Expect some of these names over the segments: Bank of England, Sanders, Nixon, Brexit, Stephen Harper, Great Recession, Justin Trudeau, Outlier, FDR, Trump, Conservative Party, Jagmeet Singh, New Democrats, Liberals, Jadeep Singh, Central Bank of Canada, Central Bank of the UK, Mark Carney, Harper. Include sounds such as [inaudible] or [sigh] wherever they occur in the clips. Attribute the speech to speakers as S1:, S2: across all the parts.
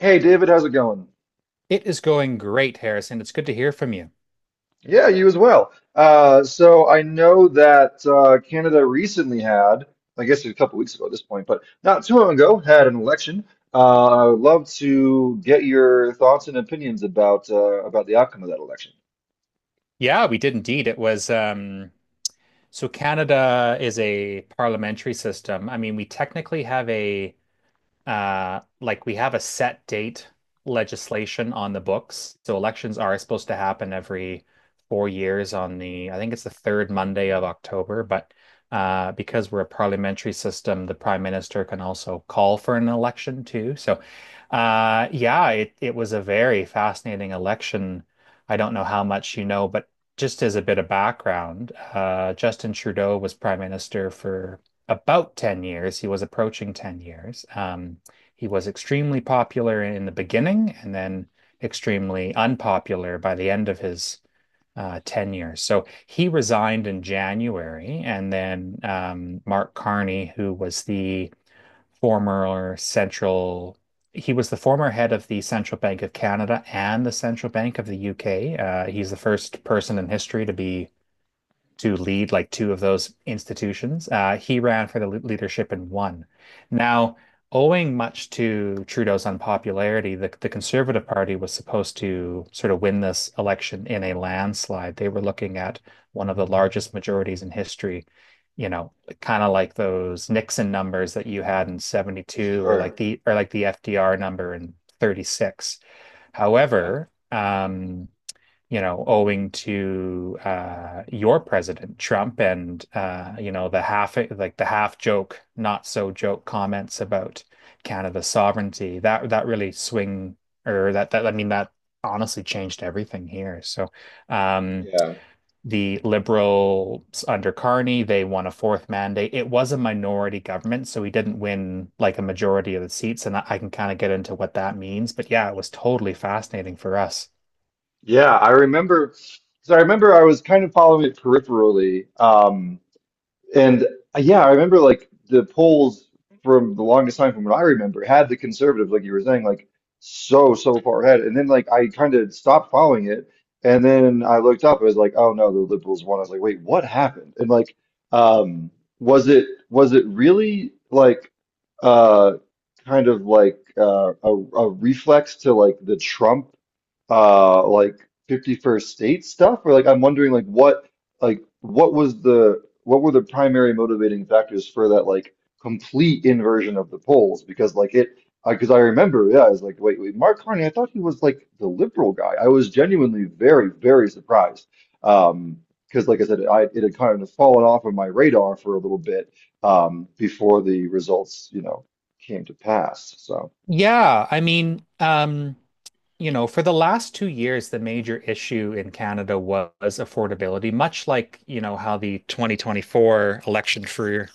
S1: Hey David, how's it going?
S2: It is going great, Harrison. It's good to hear from you.
S1: Yeah, you as well. So I know that Canada recently I guess a couple weeks ago at this point, but not too long ago, had an election. I would love to get your thoughts and opinions about the outcome of that election.
S2: Yeah, we did indeed. It was So Canada is a parliamentary system. I mean, we technically have a like we have a set date legislation on the books. So elections are supposed to happen every 4 years I think it's the third Monday of October. But because we're a parliamentary system, the prime minister can also call for an election too. So yeah, it was a very fascinating election. I don't know how much you know, but just as a bit of background, Justin Trudeau was prime minister for about 10 years. He was approaching 10 years. He was extremely popular in the beginning and then extremely unpopular by the end of his tenure. So he resigned in January, and then Mark Carney, who was the former central, he was the former head of the Central Bank of Canada and the Central Bank of the UK. He's the first person in history to be to lead like two of those institutions. He ran for the leadership in one. Now, owing much to Trudeau's unpopularity, the Conservative Party was supposed to sort of win this election in a landslide. They were looking at one of the largest majorities in history, you know, kind of like those Nixon numbers that you had in 72, or
S1: Sure.
S2: like the FDR number in 36.
S1: Yeah.
S2: However, owing to your president, Trump, and the half joke, not so joke comments about Canada's sovereignty. That that really swing or that that I mean, that honestly changed everything here. So um,
S1: Yeah.
S2: the Liberals under Carney, they won a fourth mandate. It was a minority government, so he didn't win like a majority of the seats, and I can kind of get into what that means. But yeah, it was totally fascinating for us.
S1: Yeah, I remember. So I remember I was kind of following it peripherally. And Yeah, I remember like the polls from the longest time from what I remember had the conservatives, like you were saying, like so far ahead. And then like I kind of stopped following it. And then I looked up, I was like, oh no, the liberals won. I was like, wait, what happened? Um, was it really like uh kind of like a reflex to like the Trump like 51st state stuff, or like I'm wondering like what was the what were the primary motivating factors for that, like complete inversion of the polls? Because like it I because I remember, yeah, I was like, wait, Mark Carney? I thought he was like the liberal guy. I was genuinely very surprised. um because like I said, I it had kind of fallen off of my radar for a little bit before the results, came to pass. So
S2: Yeah, I mean, for the last 2 years, the major issue in Canada was affordability, much like, you know, how the 2024 election for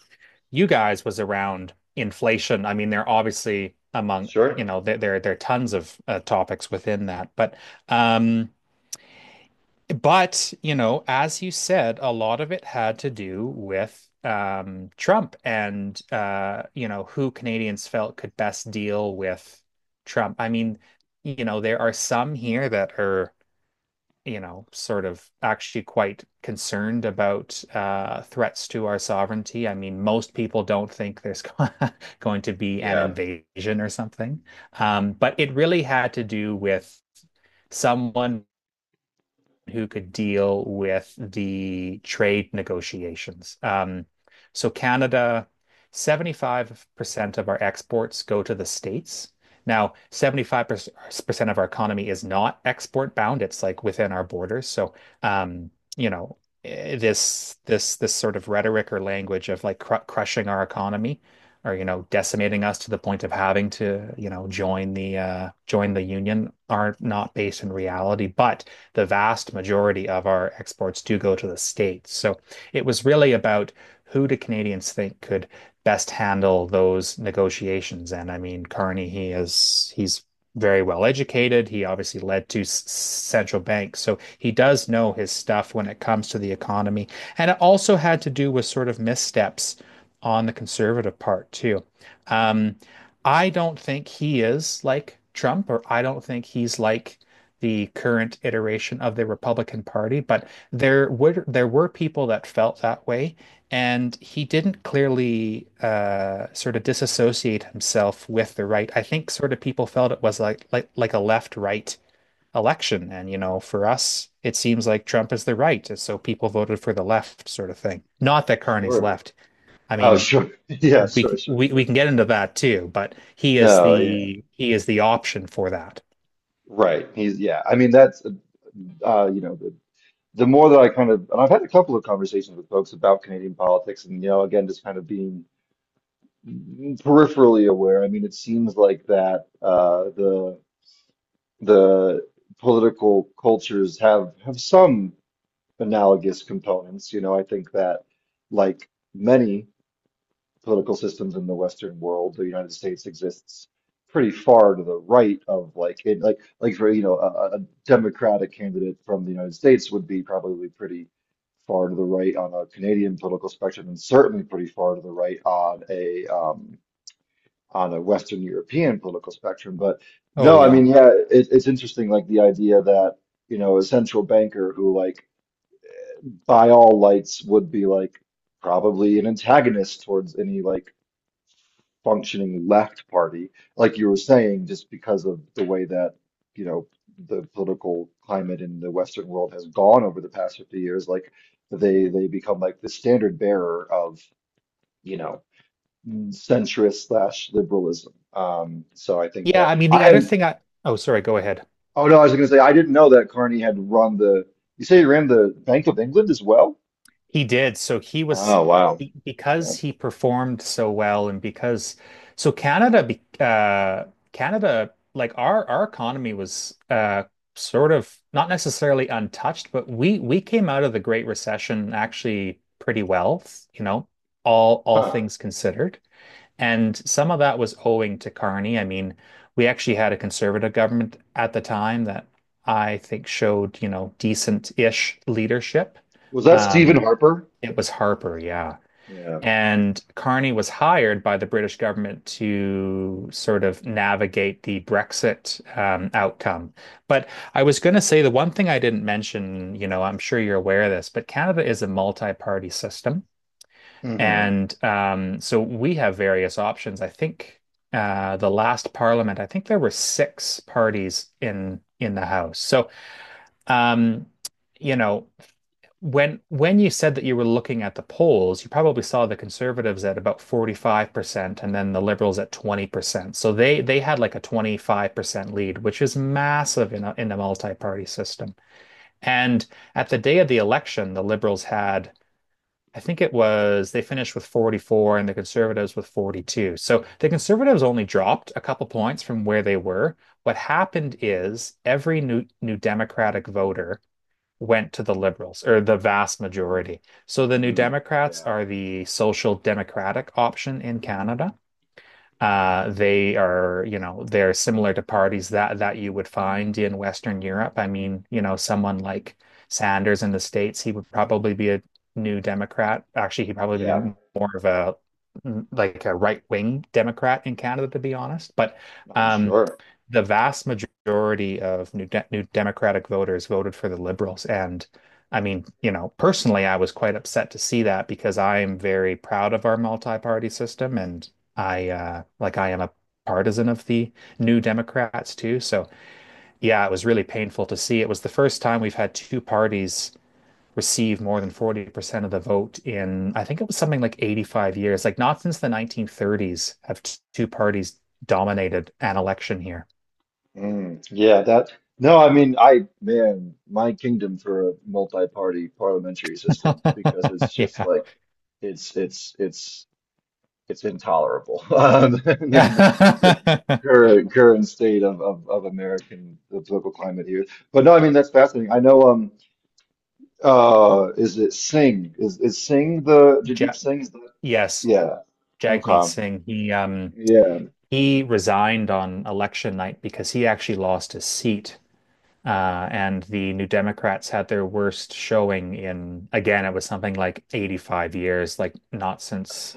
S2: you guys was around inflation. I mean, they're obviously among, you
S1: sure.
S2: know, there are tons of topics within that, but um, as you said, a lot of it had to do with Trump, and who Canadians felt could best deal with Trump. I mean, there are some here that are, sort of actually quite concerned about threats to our sovereignty. I mean, most people don't think there's [laughs] going to be an
S1: Yeah.
S2: invasion or something. But it really had to do with someone who could deal with the trade negotiations. So Canada, 75% of our exports go to the States. Now, 75% of our economy is not export bound. It's like within our borders. So, um, you know, this sort of rhetoric or language of like cr crushing our economy or, you know, decimating us to the point of having to, join the union are not based in reality. But the vast majority of our exports do go to the States. So it was really about who do Canadians think could best handle those negotiations. And I mean, Carney, he's very well educated. He obviously led two central banks, so he does know his stuff when it comes to the economy. And it also had to do with sort of missteps on the conservative part too. Um, I don't think he is like Trump, or I don't think he's like the current iteration of the Republican Party, but there were people that felt that way, and he didn't clearly sort of disassociate himself with the right. I think sort of people felt it was like a left-right election, and you know, for us, it seems like Trump is the right, and so people voted for the left sort of thing. Not that Carney's
S1: Sure.
S2: left. I
S1: Oh,
S2: mean,
S1: sure. [laughs] Yeah, sure,
S2: we
S1: sure,
S2: we we
S1: sure.
S2: can get into that too, but he is
S1: No, yeah,
S2: the he is the option for that.
S1: right. He's. I mean, that's you know, the more that I kind of, and I've had a couple of conversations with folks about Canadian politics, and you know, again, just kind of being peripherally aware. I mean, it seems like that the the political cultures have some analogous components. You know, I think that like many political systems in the Western world. The United States exists pretty far to the right of like like for, you know, a Democratic candidate from the United States would be probably pretty far to the right on a Canadian political spectrum, and certainly pretty far to the right on a Western European political spectrum. But
S2: Oh
S1: no, I
S2: yeah.
S1: mean, yeah, it's interesting, like the idea that you know a central banker who like by all lights would be like probably an antagonist towards any like functioning left party, like you were saying, just because of the way that, you know, the political climate in the Western world has gone over the past 50 years, like they become like the standard bearer of, you know, centrist slash liberalism. So I think
S2: Yeah,
S1: that
S2: I mean the
S1: I
S2: other
S1: and
S2: thing I oh, sorry, go ahead.
S1: Oh no, I was gonna say I didn't know that Carney had run the, you say he ran the Bank of England as well?
S2: He did. So he
S1: Oh
S2: was
S1: wow.
S2: be-
S1: Yeah.
S2: because he performed so well, and because so Canada, like our economy was sort of not necessarily untouched, but we came out of the Great Recession actually pretty well, you know, all
S1: Huh.
S2: things considered. And some of that was owing to Carney. I mean, we actually had a conservative government at the time that I think showed, you know, decent-ish leadership.
S1: Was that Stephen
S2: Um,
S1: Harper?
S2: it was Harper, yeah.
S1: Yeah.
S2: And Carney was hired by the British government to sort of navigate the Brexit outcome. But I was going to say the one thing I didn't mention, you know, I'm sure you're aware of this, but Canada is a multi-party system.
S1: Hmm.
S2: And so we have various options. I think the last parliament, I think there were six parties in the House. So um, you know, when you said that you were looking at the polls, you probably saw the Conservatives at about 45% and then the Liberals at 20%. So they had like a 25% lead, which is massive in a multi-party system. And at the day of the election, the Liberals had I think it was, they finished with 44 and the Conservatives with 42. So the Conservatives only dropped a couple points from where they were. What happened is every new Democratic voter went to the Liberals, or the vast majority. So the New
S1: Mm,
S2: Democrats
S1: yeah.
S2: are the social democratic option in Canada. They are, you know, they're similar to parties that you would find in Western Europe. I mean, you know, someone like Sanders in the States, he would probably be a new Democrat. Actually, he'd probably be
S1: Yeah.
S2: more of a like a right-wing Democrat in Canada, to be honest. But
S1: I'm
S2: um,
S1: sure.
S2: the vast majority of new Democratic voters voted for the Liberals, and I mean, personally, I was quite upset to see that, because I am very proud of our multi-party system, and I like I am a partisan of the New Democrats too. So yeah, it was really painful to see. It was the first time we've had two parties receive more than 40% of the vote in, I think it was something like 85 years. Like not since the 1930s have two parties dominated an election here.
S1: Mm, yeah, that. No, I mean, I, man, my kingdom for a multi-party parliamentary system, because it's
S2: [laughs]
S1: just
S2: Yeah.
S1: like, it's, it's, it's, it's intolerable. [laughs] And then the
S2: Yeah. [laughs]
S1: current state of American the political climate here. But no, I mean, that's fascinating. I know, is it Singh? Is Singh the
S2: Ja
S1: Jadeep Singh's the,
S2: yes,
S1: yeah.
S2: Jagmeet
S1: Okay.
S2: Singh, he um
S1: Yeah,
S2: he resigned on election night because he actually lost his seat. And the New Democrats had their worst showing in, again, it was something like 85 years, like not since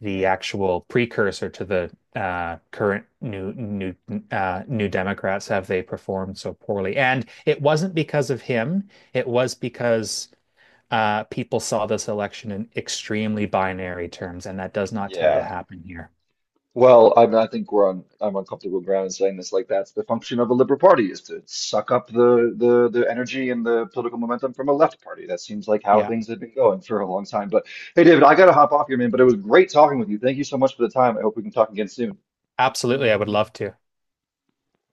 S2: the
S1: man.
S2: actual precursor to the current New Democrats have they performed so poorly. And it wasn't because of him; it was because people saw this election in extremely binary terms, and that does not tend to
S1: Yeah.
S2: happen here.
S1: Well, I mean, I think we're on I'm on comfortable ground in saying this. Like that's the function of a liberal party is to suck up the energy and the political momentum from a left party. That seems like how
S2: Yeah,
S1: things have been going for a long time. But hey, David, I gotta hop off here, man. But it was great talking with you. Thank you so much for the time. I hope we can talk again soon.
S2: absolutely. I would love to.